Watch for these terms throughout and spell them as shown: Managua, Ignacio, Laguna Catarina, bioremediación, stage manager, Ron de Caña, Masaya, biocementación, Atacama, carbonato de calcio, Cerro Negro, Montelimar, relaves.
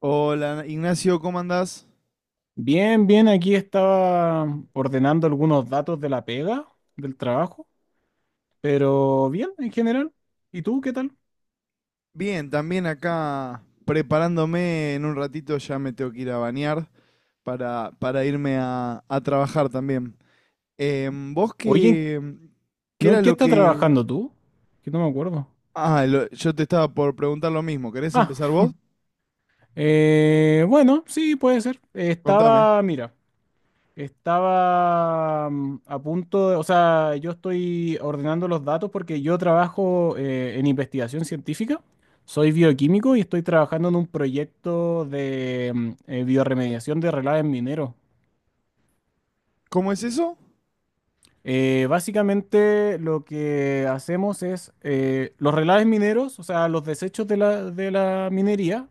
Hola Ignacio, ¿cómo andás? Bien, bien, aquí estaba ordenando algunos datos de la pega, del trabajo, pero bien en general. ¿Y tú qué tal? Bien, también acá preparándome en un ratito, ya me tengo que ir a bañar para irme a trabajar también. Em, ¿vos Oye, qué, ¿Qué ¿no en era qué lo estás que... trabajando tú? Que no me acuerdo. Ah, yo te estaba por preguntar lo mismo. ¿Querés Ah, empezar vos? Bueno, sí, puede ser. Contame. Estaba, mira, estaba a punto de, o sea, yo estoy ordenando los datos porque yo trabajo en investigación científica. Soy bioquímico y estoy trabajando en un proyecto de bioremediación de relaves mineros. ¿Cómo es eso? Básicamente lo que hacemos es los relaves mineros, o sea, los desechos de la minería,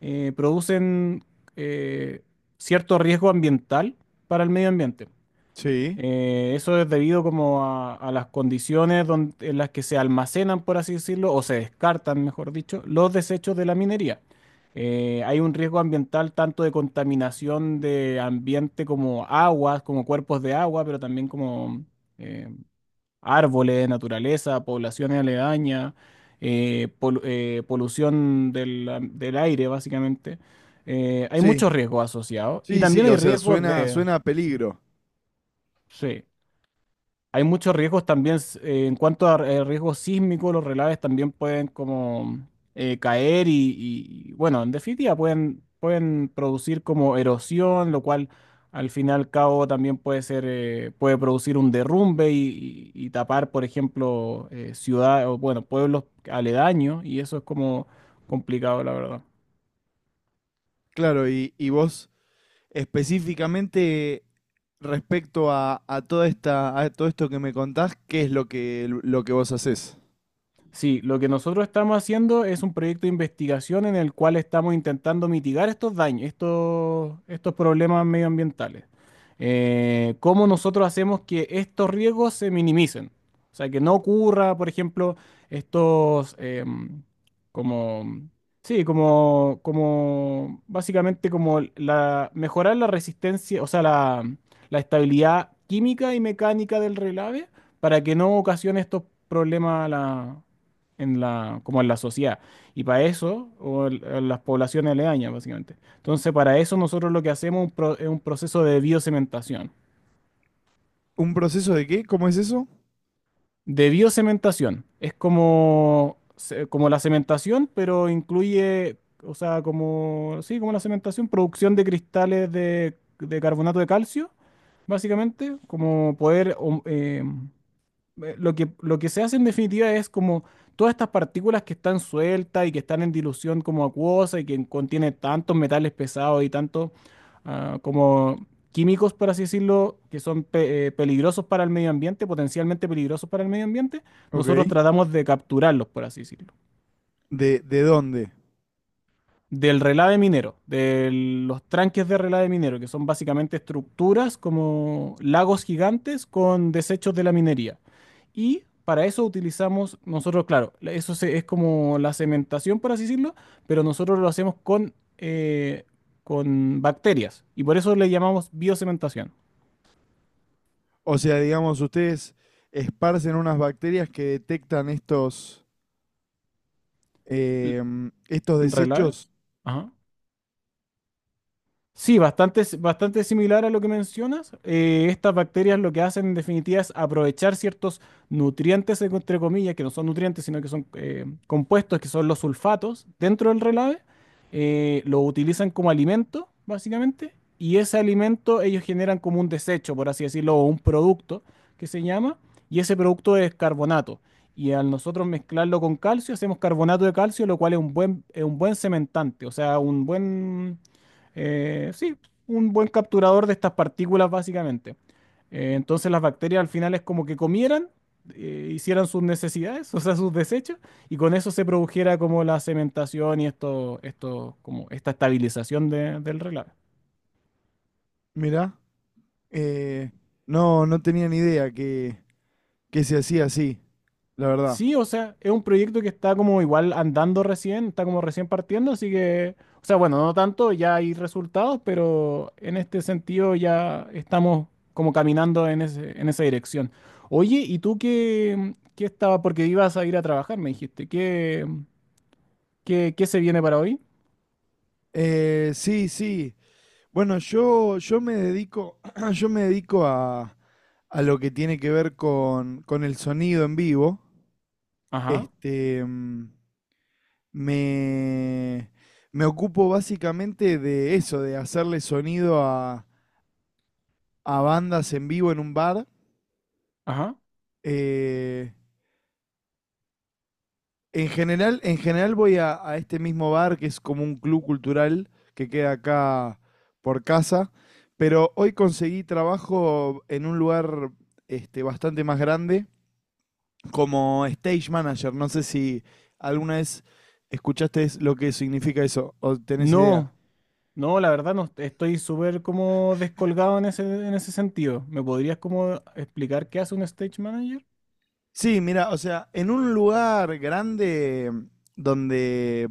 producen eh, cierto riesgo ambiental para el medio ambiente. Sí, Eso es debido como a las condiciones en las que se almacenan, por así decirlo, o se descartan, mejor dicho, los desechos de la minería. Hay un riesgo ambiental tanto de contaminación de ambiente como aguas, como cuerpos de agua, pero también como em, árboles, naturaleza, poblaciones aledañas, polución del aire, básicamente. Hay sí, muchos riesgos asociados y sí, también sí, hay o sea, riesgos suena, de... suena a peligro. Sí. Hay muchos riesgos también en cuanto a riesgos sísmicos, los relaves también pueden como caer y, bueno, en definitiva pueden producir como erosión, lo cual al final al cabo también puede ser, puede producir un derrumbe y tapar, por ejemplo, ciudades o bueno, pueblos aledaños, y eso es como complicado, la verdad. Claro, y vos específicamente respecto a toda a todo esto que me contás, ¿qué es lo que vos hacés? Sí, lo que nosotros estamos haciendo es un proyecto de investigación en el cual estamos intentando mitigar estos daños, estos problemas medioambientales. ¿Cómo nosotros hacemos que estos riesgos se minimicen? O sea, que no ocurra, por ejemplo, estos, em, como, sí, como, como, básicamente como mejorar la resistencia, o sea, la estabilidad química y mecánica del relave para que no ocasione estos problemas a la en la, como en la sociedad. Y para eso, en las poblaciones aledañas, básicamente. Entonces, para eso nosotros lo que hacemos es un proceso de biocementación. ¿Un proceso de qué? ¿Cómo es eso? De biocementación. Es como, como la cementación, pero incluye, o sea, como la cementación, producción de cristales de carbonato de calcio, básicamente, como poder... lo que se hace en definitiva es como todas estas partículas que están sueltas y que están en dilución como acuosa y que contiene tantos metales pesados y tantos como químicos, por así decirlo, que son peligrosos para el medio ambiente, potencialmente peligrosos para el medio ambiente. Ok. Nosotros tratamos de capturarlos, por así decirlo. ¿De dónde? Del relave minero, de los tranques de relave minero, que son básicamente estructuras como lagos gigantes con desechos de la minería. Y para eso utilizamos nosotros, claro, es como la cementación, por así decirlo, pero nosotros lo hacemos con bacterias. Y por eso le llamamos biocementación. O sea, digamos, ustedes esparcen unas bacterias que detectan estos, L- estos ¿Relaves? desechos. Ajá. Sí, bastante, bastante similar a lo que mencionas. Estas bacterias lo que hacen en definitiva es aprovechar ciertos nutrientes, entre comillas, que no son nutrientes, sino que son compuestos, que son los sulfatos, dentro del relave. Eh, lo utilizan como alimento, básicamente, y ese alimento ellos generan como un desecho, por así decirlo, o un producto que se llama, y ese producto es carbonato. Y al nosotros mezclarlo con calcio, hacemos carbonato de calcio, lo cual es un buen cementante, o sea, un buen eh, sí, un buen capturador de estas partículas básicamente. Entonces las bacterias al final es como que comieran, hicieran sus necesidades, o sea, sus desechos, y con eso se produjera como la cementación y como esta estabilización del relave. Mirá, eh, no, no tenía ni idea que se hacía así, la verdad. Sí, o sea, es un proyecto que está como igual andando recién, está como recién partiendo, así que, o sea, bueno, no tanto, ya hay resultados, pero en este sentido ya estamos como caminando en ese, en esa dirección. Oye, ¿y tú qué, qué estaba? Porque ibas a ir a trabajar, me dijiste. ¿Qué, qué se viene para hoy? Sí, sí. Bueno, yo me dedico, yo me dedico a lo que tiene que ver con el sonido en vivo. Ajá, Este, mm, me, Me ocupo básicamente de eso, de hacerle sonido a bandas en vivo en un bar. ajá. Eh, en general voy a este mismo bar, que es como un club cultural que queda acá por casa. Pero hoy conseguí trabajo en un lugar este, bastante más grande, como stage manager. No sé si alguna vez escuchaste lo que significa eso o tenés idea. No, no, la verdad no, estoy súper como descolgado en ese sentido. ¿Me podrías como explicar qué hace un stage manager? Sí, mira, o sea, en un lugar grande donde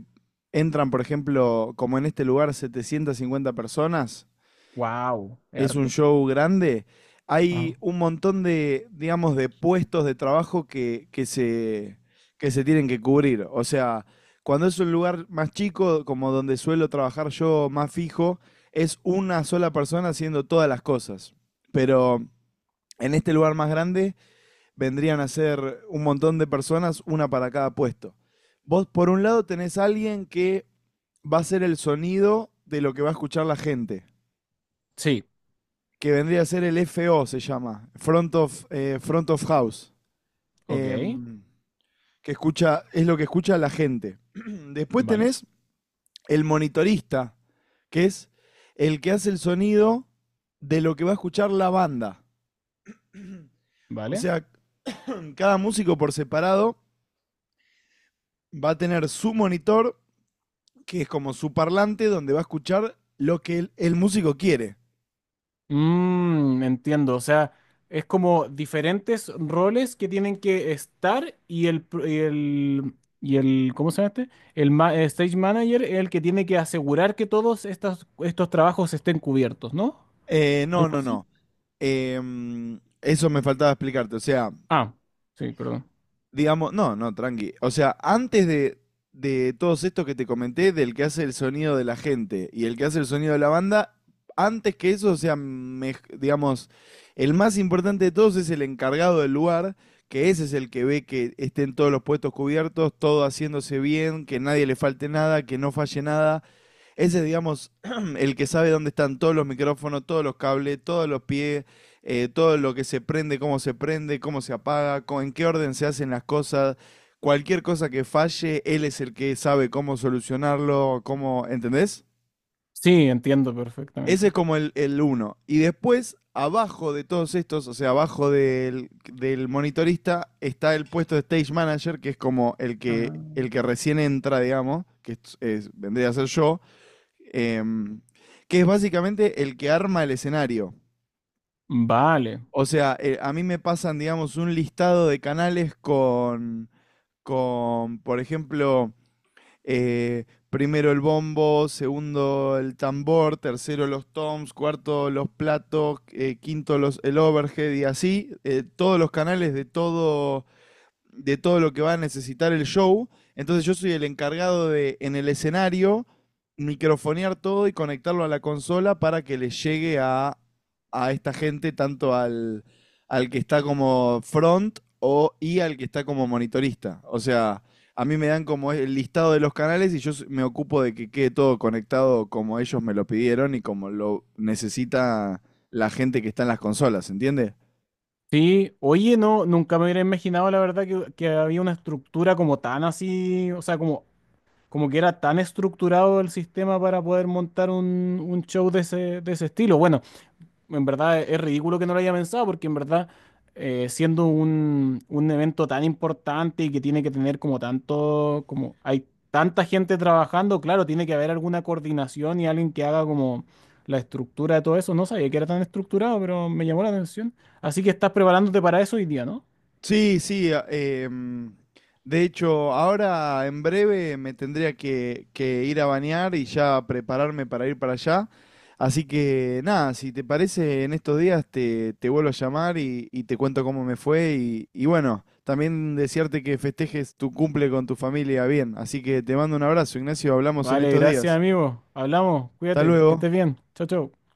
entran, por ejemplo, como en este lugar, 750 personas. Wow, es Es un harto. show grande. Hay Ajá. un montón de, digamos, de puestos de trabajo que se tienen que cubrir. O sea, cuando es un lugar más chico, como donde suelo trabajar yo más fijo, es una sola persona haciendo todas las cosas. Pero en este lugar más grande vendrían a ser un montón de personas, una para cada puesto. Vos, por un lado, tenés a alguien que va a ser el sonido de lo que va a escuchar la gente, Sí, que vendría a ser el FO, se llama, front of House, ok, em, que escucha, es lo que escucha la gente. Después vale, tenés el monitorista, que es el que hace el sonido de lo que va a escuchar la banda. O vale. sea, cada músico por separado va a tener su monitor, que es como su parlante, donde va a escuchar lo que el músico quiere. Mm, entiendo, o sea, es como diferentes roles que tienen que estar y el, ¿cómo se llama este? Stage manager es el que tiene que asegurar que todos estos, estos trabajos estén cubiertos, ¿no? No, ¿Algo no, así? no. Em, Eso me faltaba explicarte. O sea, Ah, sí, perdón. digamos, no, no, tranqui. O sea, antes de todos estos que te comenté, del que hace el sonido de la gente y el que hace el sonido de la banda, antes que eso, o sea, digamos, el más importante de todos es el encargado del lugar, que ese es el que ve que estén todos los puestos cubiertos, todo haciéndose bien, que nadie le falte nada, que no falle nada. Ese es, digamos, el que sabe dónde están todos los micrófonos, todos los cables, todos los pies, todo lo que se prende, cómo se prende, cómo se apaga, en qué orden se hacen las cosas. Cualquier cosa que falle, él es el que sabe cómo solucionarlo, cómo, ¿entendés? Sí, entiendo Ese es perfectamente. como el uno. Y después, abajo de todos estos, o sea, abajo del monitorista, está el puesto de stage manager, que es como Ah, el que recién entra, digamos, vendría a ser yo, em, que es básicamente el que arma el escenario. vale. O sea, a mí me pasan, digamos, un listado de canales por ejemplo, primero el bombo, segundo el tambor, tercero los toms, cuarto los platos, el overhead y así, todos los canales de todo lo que va a necesitar el show. Entonces yo soy el encargado de, en el escenario, microfonear todo y conectarlo a la consola para que le llegue a esta gente, tanto al que está como front o, y al que está como monitorista. O sea, a mí me dan como el listado de los canales y yo me ocupo de que quede todo conectado como ellos me lo pidieron y como lo necesita la gente que está en las consolas, ¿entiendes? Sí, oye, no, nunca me hubiera imaginado la verdad que había una estructura como tan así, o sea, como como que era tan estructurado el sistema para poder montar un show de ese estilo. Bueno, en verdad es ridículo que no lo haya pensado, porque en verdad, siendo un evento tan importante y que tiene que tener como tanto, como hay tanta gente trabajando, claro, tiene que haber alguna coordinación y alguien que haga como la estructura de todo eso. No sabía que era tan estructurado, pero me llamó la atención. Así que estás preparándote para eso hoy día, ¿no? Sí, sí. De hecho, ahora en breve me tendría que ir a bañar y ya prepararme para ir para allá. Así que nada, si te parece, en estos días te vuelvo a llamar y te cuento cómo me fue. Y bueno, también desearte que festejes tu cumple con tu familia bien. Así que te mando un abrazo, Ignacio. Hablamos en Vale, estos gracias, días. amigo. Hablamos, Hasta cuídate, que luego. estés bien. Chao, chao.